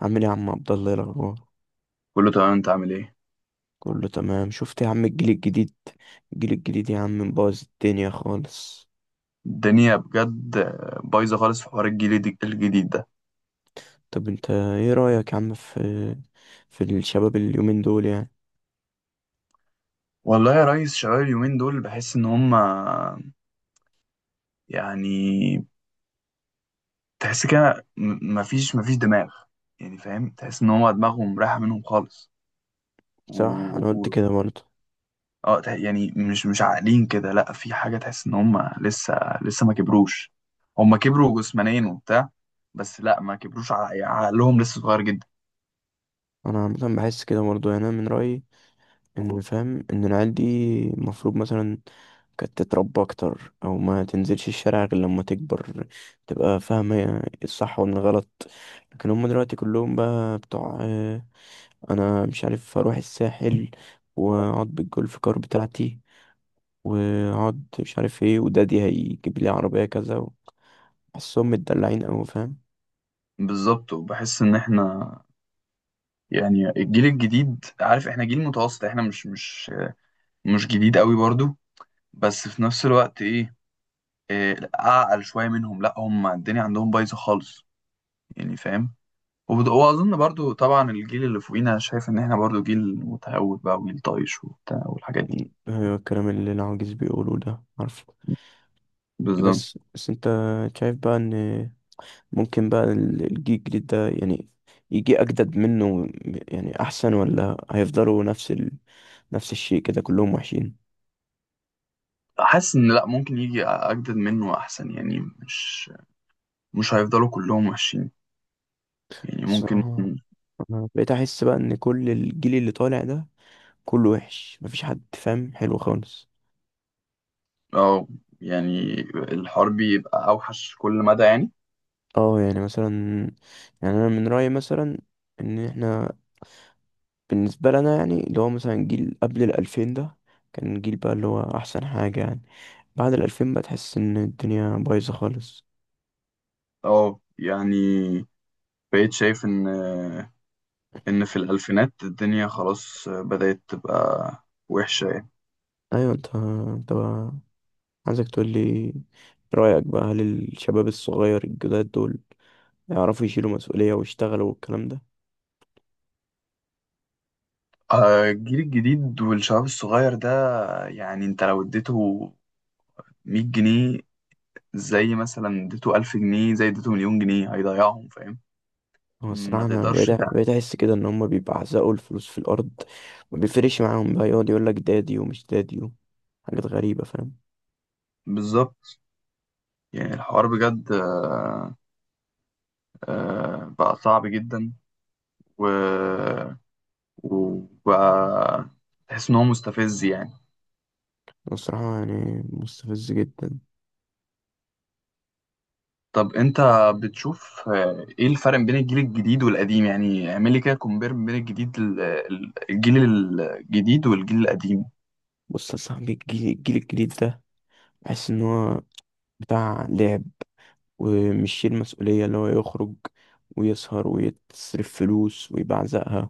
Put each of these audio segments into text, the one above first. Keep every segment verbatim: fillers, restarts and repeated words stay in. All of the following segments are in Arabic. عامل ايه يا عم عبد الله؟ إيه الاخبار؟ كله تمام. انت عامل ايه؟ كله تمام، شفت يا عم الجيل الجديد؟ الجيل الجديد يا عم مبوظ الدنيا خالص. الدنيا بجد بايظه خالص في حوار الجيل الج- الجديد ده. طب انت ايه رأيك يا عم في في الشباب اليومين دول يعني؟ والله يا ريس، شباب اليومين دول بحس ان هم، يعني، تحس كده م- مفيش مفيش دماغ. يعني فاهم، تحس ان هم دماغهم رايحه منهم خالص. و... صح، انا قلت و... كده برضه. اه، تح- يعني مش مش عاقلين كده. لا، في حاجه تحس ان هم لسه، لسه ما كبروش. هم كبروا جسمانيا وبتاع، بس لا، ما كبروش، ع- عقلهم لسه صغير جدا. انا عامه بحس كده برضه، يعني انا من رأيي ان فاهم ان العيال دي المفروض مثلا كانت تتربى اكتر او ما تنزلش الشارع غير لما تكبر، تبقى فاهمة الصح والغلط. لكن هم دلوقتي كلهم بقى بتوع، انا مش عارف اروح الساحل واقعد بالجولف كار بتاعتي، واقعد مش عارف ايه، ودادي هيجيب لي عربية كذا. بحسهم متدلعين اوي، فاهم؟ بالظبط. وبحس ان احنا، يعني الجيل الجديد، عارف احنا جيل متوسط، احنا مش مش مش جديد قوي برضو، بس في نفس الوقت ايه، إيه لأ، اعقل شويه منهم. لا، هم الدنيا عندهم بايظه خالص، يعني فاهم. وبد- واظن برضو طبعا الجيل اللي فوقينا شايف ان احنا برضو جيل متهور بقى، وجيل طايش وبتاع والحاجات دي. هو الكلام اللي العواجيز بيقولوه ده، عارفه؟ بالظبط. بس بس انت شايف بقى ان ممكن بقى ال- الجيل الجديد ده يعني يجي اجدد منه، يعني احسن، ولا هيفضلوا نفس ال... نفس الشيء كده كلهم وحشين؟ حاسس ان لا، ممكن يجي اجدد منه احسن، يعني مش مش هيفضلوا كلهم وحشين، يعني ممكن. الصراحة انا بقيت احس بقى ان كل الجيل اللي طالع ده كله وحش، مفيش حد فاهم حلو خالص. اه، يعني الحرب يبقى اوحش كل مدى يعني. اه يعني مثلا، يعني انا من رأيي مثلا ان احنا، بالنسبة لنا يعني اللي هو مثلا جيل قبل الألفين ده كان جيل بقى اللي هو احسن حاجة يعني. بعد الألفين بقى تحس ان الدنيا بايظة خالص. اه، يعني بقيت شايف ان ان في الالفينات الدنيا خلاص بدأت تبقى وحشة يعني. ايوه، انت انت بقى عايزك تقول لي رأيك بقى، هل الشباب الصغير الجداد دول يعرفوا يشيلوا مسؤولية ويشتغلوا والكلام ده؟ آه، الجيل الجديد والشباب الصغير ده، يعني انت لو اديته مية جنيه، زي مثلا اديته ألف جنيه، زي اديته مليون جنيه هيضيعهم، فاهم. هو الصراحة ما أنا بقيت تقدرش تع- بقيت أحس كده إن هما بيبعزقوا الفلوس في الأرض. ما بيفرقش معاهم، بقى يقعد يقولك دادي ومش دادي و- حاجات غريبة، فاهم؟ بالظبط. يعني الحوار بجد آه، آه، بقى صعب جدا. و... وبقى تحس ان هو مستفز يعني. هو الصراحة يعني مستفز جدا. طب انت بتشوف، آه، ايه الفرق بين الجيل الجديد والقديم؟ يعني اعمل لي كده كومبير بين الجديد ال- ال- الجيل الجديد والجيل القديم. بص يا صاحبي، الجيل, الجيل الجديد ده بحس إن هو بتاع لعب، ومش شايل مسؤولية. اللي هو يخرج ويسهر ويتصرف فلوس ويبعزقها،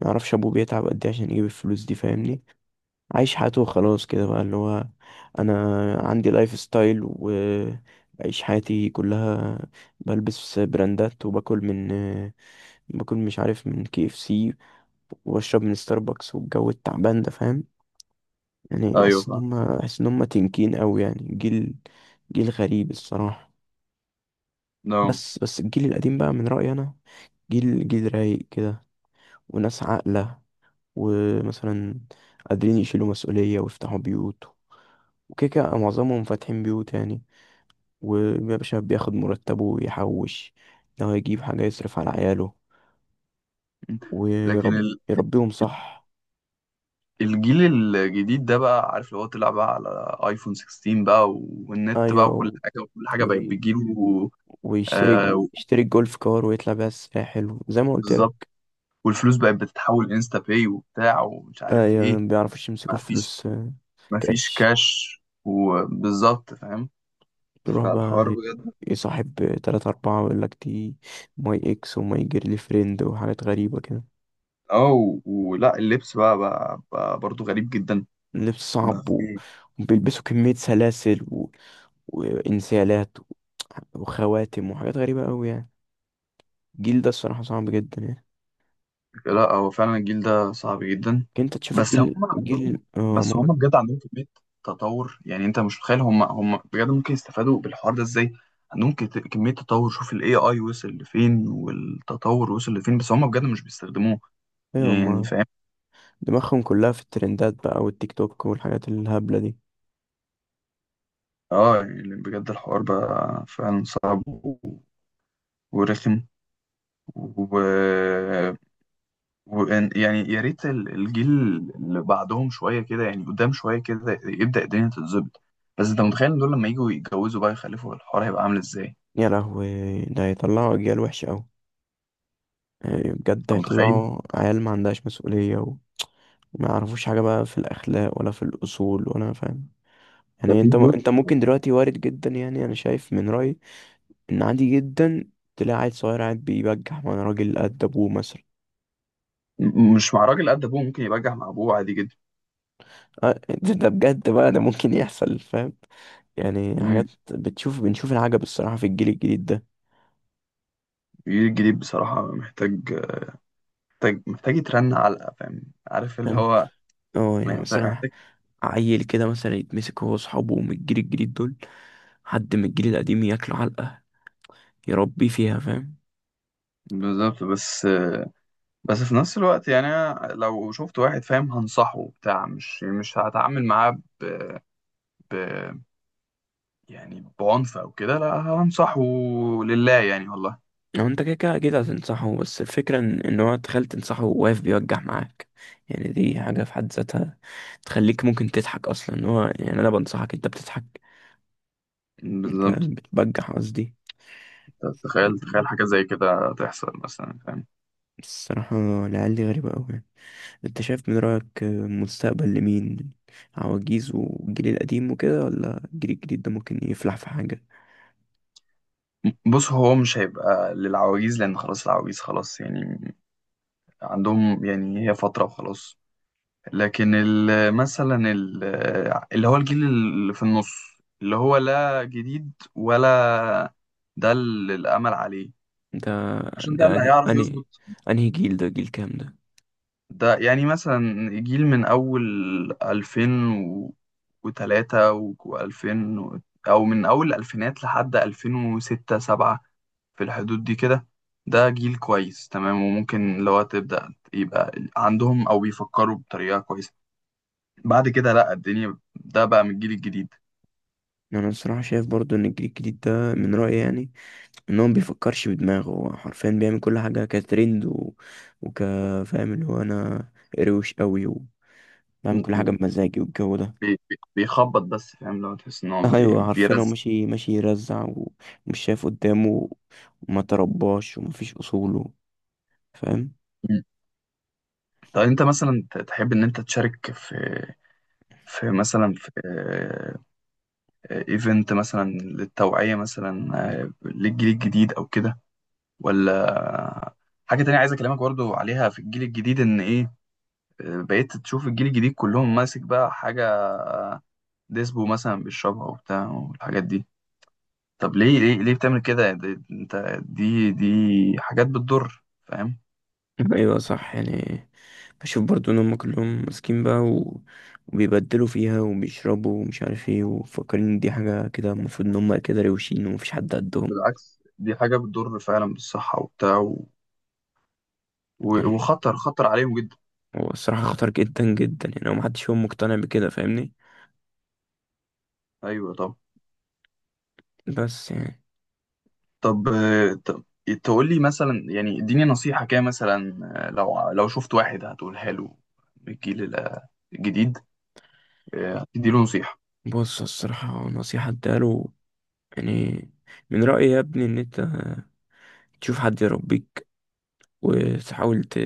ما يعرفش أبوه بيتعب قد إيه عشان يجيب الفلوس دي، فاهمني؟ عايش حياته وخلاص كده، بقى اللي هو انا عندي لايف ستايل وبعيش حياتي كلها، بلبس براندات وباكل من باكل مش عارف من كي اف سي، وبشرب من ستاربكس، والجو التعبان ده، فاهم؟ يعني ايوه بحس ان فاهم. هم، بحس ان هم تنكين قوي يعني، جيل جيل غريب الصراحة. نعم. بس بس الجيل القديم بقى من رأيي انا جيل جيل رايق كده، وناس عاقلة، ومثلا قادرين يشيلوا مسؤولية ويفتحوا بيوت، وكده كده معظمهم فاتحين بيوت يعني. ويا باشا بياخد مرتبه ويحوش، لو هيجيب حاجة يصرف على عياله لكن ويرب ال- يربيهم صح. الجيل الجديد ده بقى، عارف، لو هو طلع بقى على ايفون ستاشر بقى، والنت بقى، أيوة وكل و... حاجه وكل حاجه بقت وي- بتجيله. ويشتري آه، يشتري الجولف كار ويطلع بيها الساحل زي ما قلت بالظبط. لك. والفلوس بقت بتتحول انستا باي وبتاع ومش عارف أيوة ايه. مبيعرفوش يمسكوا مفيش الفلوس، آه، مفيش كاش. كاش. وبالظبط فاهم. يروح فالحوار بقى ي- يصاحب تلاتة أربعة ويقول لك دي ماي إكس وماي جيرلي فريند وحاجات غريبة كده. اه، ولا اللبس بقى، بقى, بقى برضو غريب جدا. لبس بقى صعب و... في، وبيلبسوا كمية سلاسل و... وإنسيالات وخواتم وحاجات غريبة أوي يعني. الجيل ده الصراحة صعب جدا يعني. لا، هو فعلا الجيل ده صعب جدا. انت تشوف بس هم الجيل عندهم الجيل اه بس هم ما- بجد عندهم كمية تطور، يعني انت مش متخيل، هم هم بجد ممكن يستفادوا بالحوار ده ازاي. عندهم كت- كمية تطور. شوف الاي اي وصل لفين، والتطور وصل لفين، بس هم بجد مش بيستخدموه، ايوه، يعني ما فاهم. دماغهم كلها في الترندات بقى، والتيك توك والحاجات الهبلة دي. اه، يعني بجد الحوار بقى فعلا صعب و- ورخم، و وإن- يعني يا ريت ال- الجيل اللي بعدهم شويه كده، يعني قدام شويه كده يبدا الدنيا تتظبط. بس انت متخيل إن دول لما يجوا يتجوزوا بقى، يخلفوا الحوار هيبقى عامل ازاي؟ يا لهوي، ده هيطلعوا اجيال وحشة اوي، يعني بجد انت متخيل؟ هيطلعوا عيال ما عندهاش مسؤولية و- وما يعرفوش حاجة بقى في الأخلاق ولا في الأصول ولا، فاهم؟ ده يعني في انت م... بيوت. انت ممكن دلوقتي وارد جدا، يعني انا شايف من رأيي ان عادي جدا تلاقي عيل صغير قاعد بيبجح مع راجل قد ابوه مثلا. م- مش مع راجل قد ابوه، ممكن يبجح مع ابوه عادي جدا. آه، ده ده بجد بقى، ده ممكن يحصل فاهم. يعني حاجات م- بتشوف بنشوف العجب الصراحة في الجيل الجديد ده. الجيل الجديد بصراحه محتاج، محتاج محتاج يترن علقه، فاهم، عارف اللي فاهم، هو اه يعني محتاج مثلا محتاج عيل كده مثلا يتمسك هو وأصحابه من الجيل الجديد دول، حد من الجيل القديم ياكله علقة، يربيه فيها، فاهم؟ بالظبط. بس بس في نفس الوقت، يعني أنا لو شفت واحد فاهم، هنصحه بتاع مش مش هتعامل معاه ب... يعني بعنف او كده، لا، هنصحه لله يعني والله. لو انت كده كده أكيد هتنصحه، بس الفكرة ان إن هو تخيل تنصحه واقف بيوجع معاك، يعني دي حاجة في حد ذاتها تخليك ممكن تضحك أصلا. إن هو يعني أنا بنصحك أنت بتضحك، أنت بالظبط. بتبجح قصدي. تخيل تخيل حاجة زي كده تحصل مثلا، فاهم. الصراحة العيال دي غريبة أوي يعني. انت شايف من رأيك مستقبل لمين؟ عواجيز والجيل القديم وكده، ولا الجيل الجديد ده ممكن يفلح في حاجة؟ بص، هو مش هيبقى للعواجيز، لأن خلاص العواجيز خلاص يعني، عندهم، يعني هي فترة وخلاص. لكن ال- مثلا ال- اللي هو الجيل اللي في النص، اللي هو لا جديد ولا، ده اللي الأمل عليه، ده عشان ده ده اللي انهي هيعرف انهي يظبط. انهي جيل؟ ده جيل كام ده؟ ده يعني مثلا جيل من أول ألفين وثلاثة و2000، أو من أول الألفينات لحد ألفين وستة سبعة، في الحدود دي كده، ده جيل كويس تمام. وممكن لو تبدأ يبقى عندهم، أو بيفكروا بطريقة كويسة. بعد كده لأ، الدنيا ده بقى من الجيل الجديد. انا الصراحة شايف برضو ان الجيل الجديد ده، من رأيي يعني، ان هو مبيفكرش بدماغه. هو حرفيا بيعمل كل حاجة كترند و... وك فاهم، اللي هو انا روش قوي وبعمل م- كل حاجة م- بمزاجي، والجو ده. بي- بي- بيخبط بس، فاهم، لو تحس إن هو ايوه بي- حرفيا، هو بيرزق. ماشي ماشي يرزع ومش شايف قدامه، وما ترباش ومفيش اصوله، فاهم؟ م. طب أنت مثلا ت- تحب إن أنت تشارك في في مثلا في ايفنت مثلا للتوعية مثلا، آه، للجيل الجديد او كده. ولا، حاجة تانية عايز اكلمك برضو عليها في الجيل الجديد ان ايه، آه، بقيت تشوف الجيل الجديد كلهم ماسك بقى حاجة ديسبو مثلا بيشربها وبتاع والحاجات دي. طب ليه ليه ليه بتعمل كده يعني؟ دي- انت دي دي حاجات بتضر، فاهم. ايوه صح يعني، بشوف برضو ان هم كلهم ماسكين بقى، و... وبيبدلوا فيها وبيشربوا ومش عارف ايه، ومفكرين ان دي حاجة كده، المفروض ان هم كده روشين ومفيش حد قدهم. بالعكس، دي حاجة بتضر فعلا بالصحة وبتاع، و... و- يعني وخطر خطر عليهم جدا. هو الصراحة خطر جدا جدا يعني، هو محدش فيهم مقتنع بكده فاهمني. ايوه طبعا. بس يعني، طب آه، طب تقول لي مثلا، يعني اديني نصيحة كده مثلا، آه، لو لو شفت واحد هتقولها له من الجيل الجديد، آه، هتدي له نصيحة. بص الصراحة نصيحة اداله، يعني من رأيي يا ابني ان انت تشوف حد يربيك، وتحاول ت...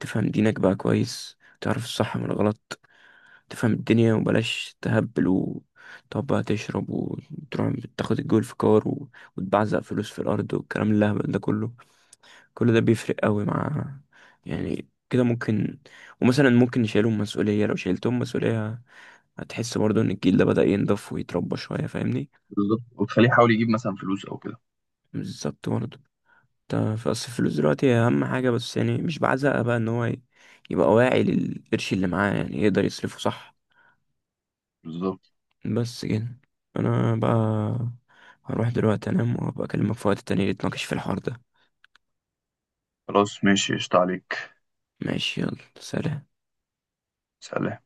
تفهم دينك بقى كويس، تعرف الصح من الغلط، تفهم الدنيا، وبلاش تهبل وتقعد بقى تشرب وتروح تاخد الجول في كار و... وتبعزق فلوس في الأرض والكلام اللهبل ده كله. كل ده بيفرق قوي مع، يعني كده ممكن، ومثلا ممكن يشيلهم مسؤولية. لو شيلتهم مسؤولية هتحس برضو إن الجيل ده بدأ ينضف ويتربى شوية، فاهمني؟ بالظبط. وتخليه يحاول يجيب مثلا فلوس او كده. بالظبط برضو. انت في أصل الفلوس دلوقتي هي أهم حاجة، بس يعني مش بعزقها بقى. إن هو ي- يبقى واعي للقرش اللي معاه، يعني يقدر يصرفه صح. بالظبط. بس كده، انا بقى هروح دلوقتي انام، وابقى اكلمك في وقت تاني نتناقش في الحوار ده. خلاص ماشي، قشطة عليك. ماشي، يلا سلام. سلام.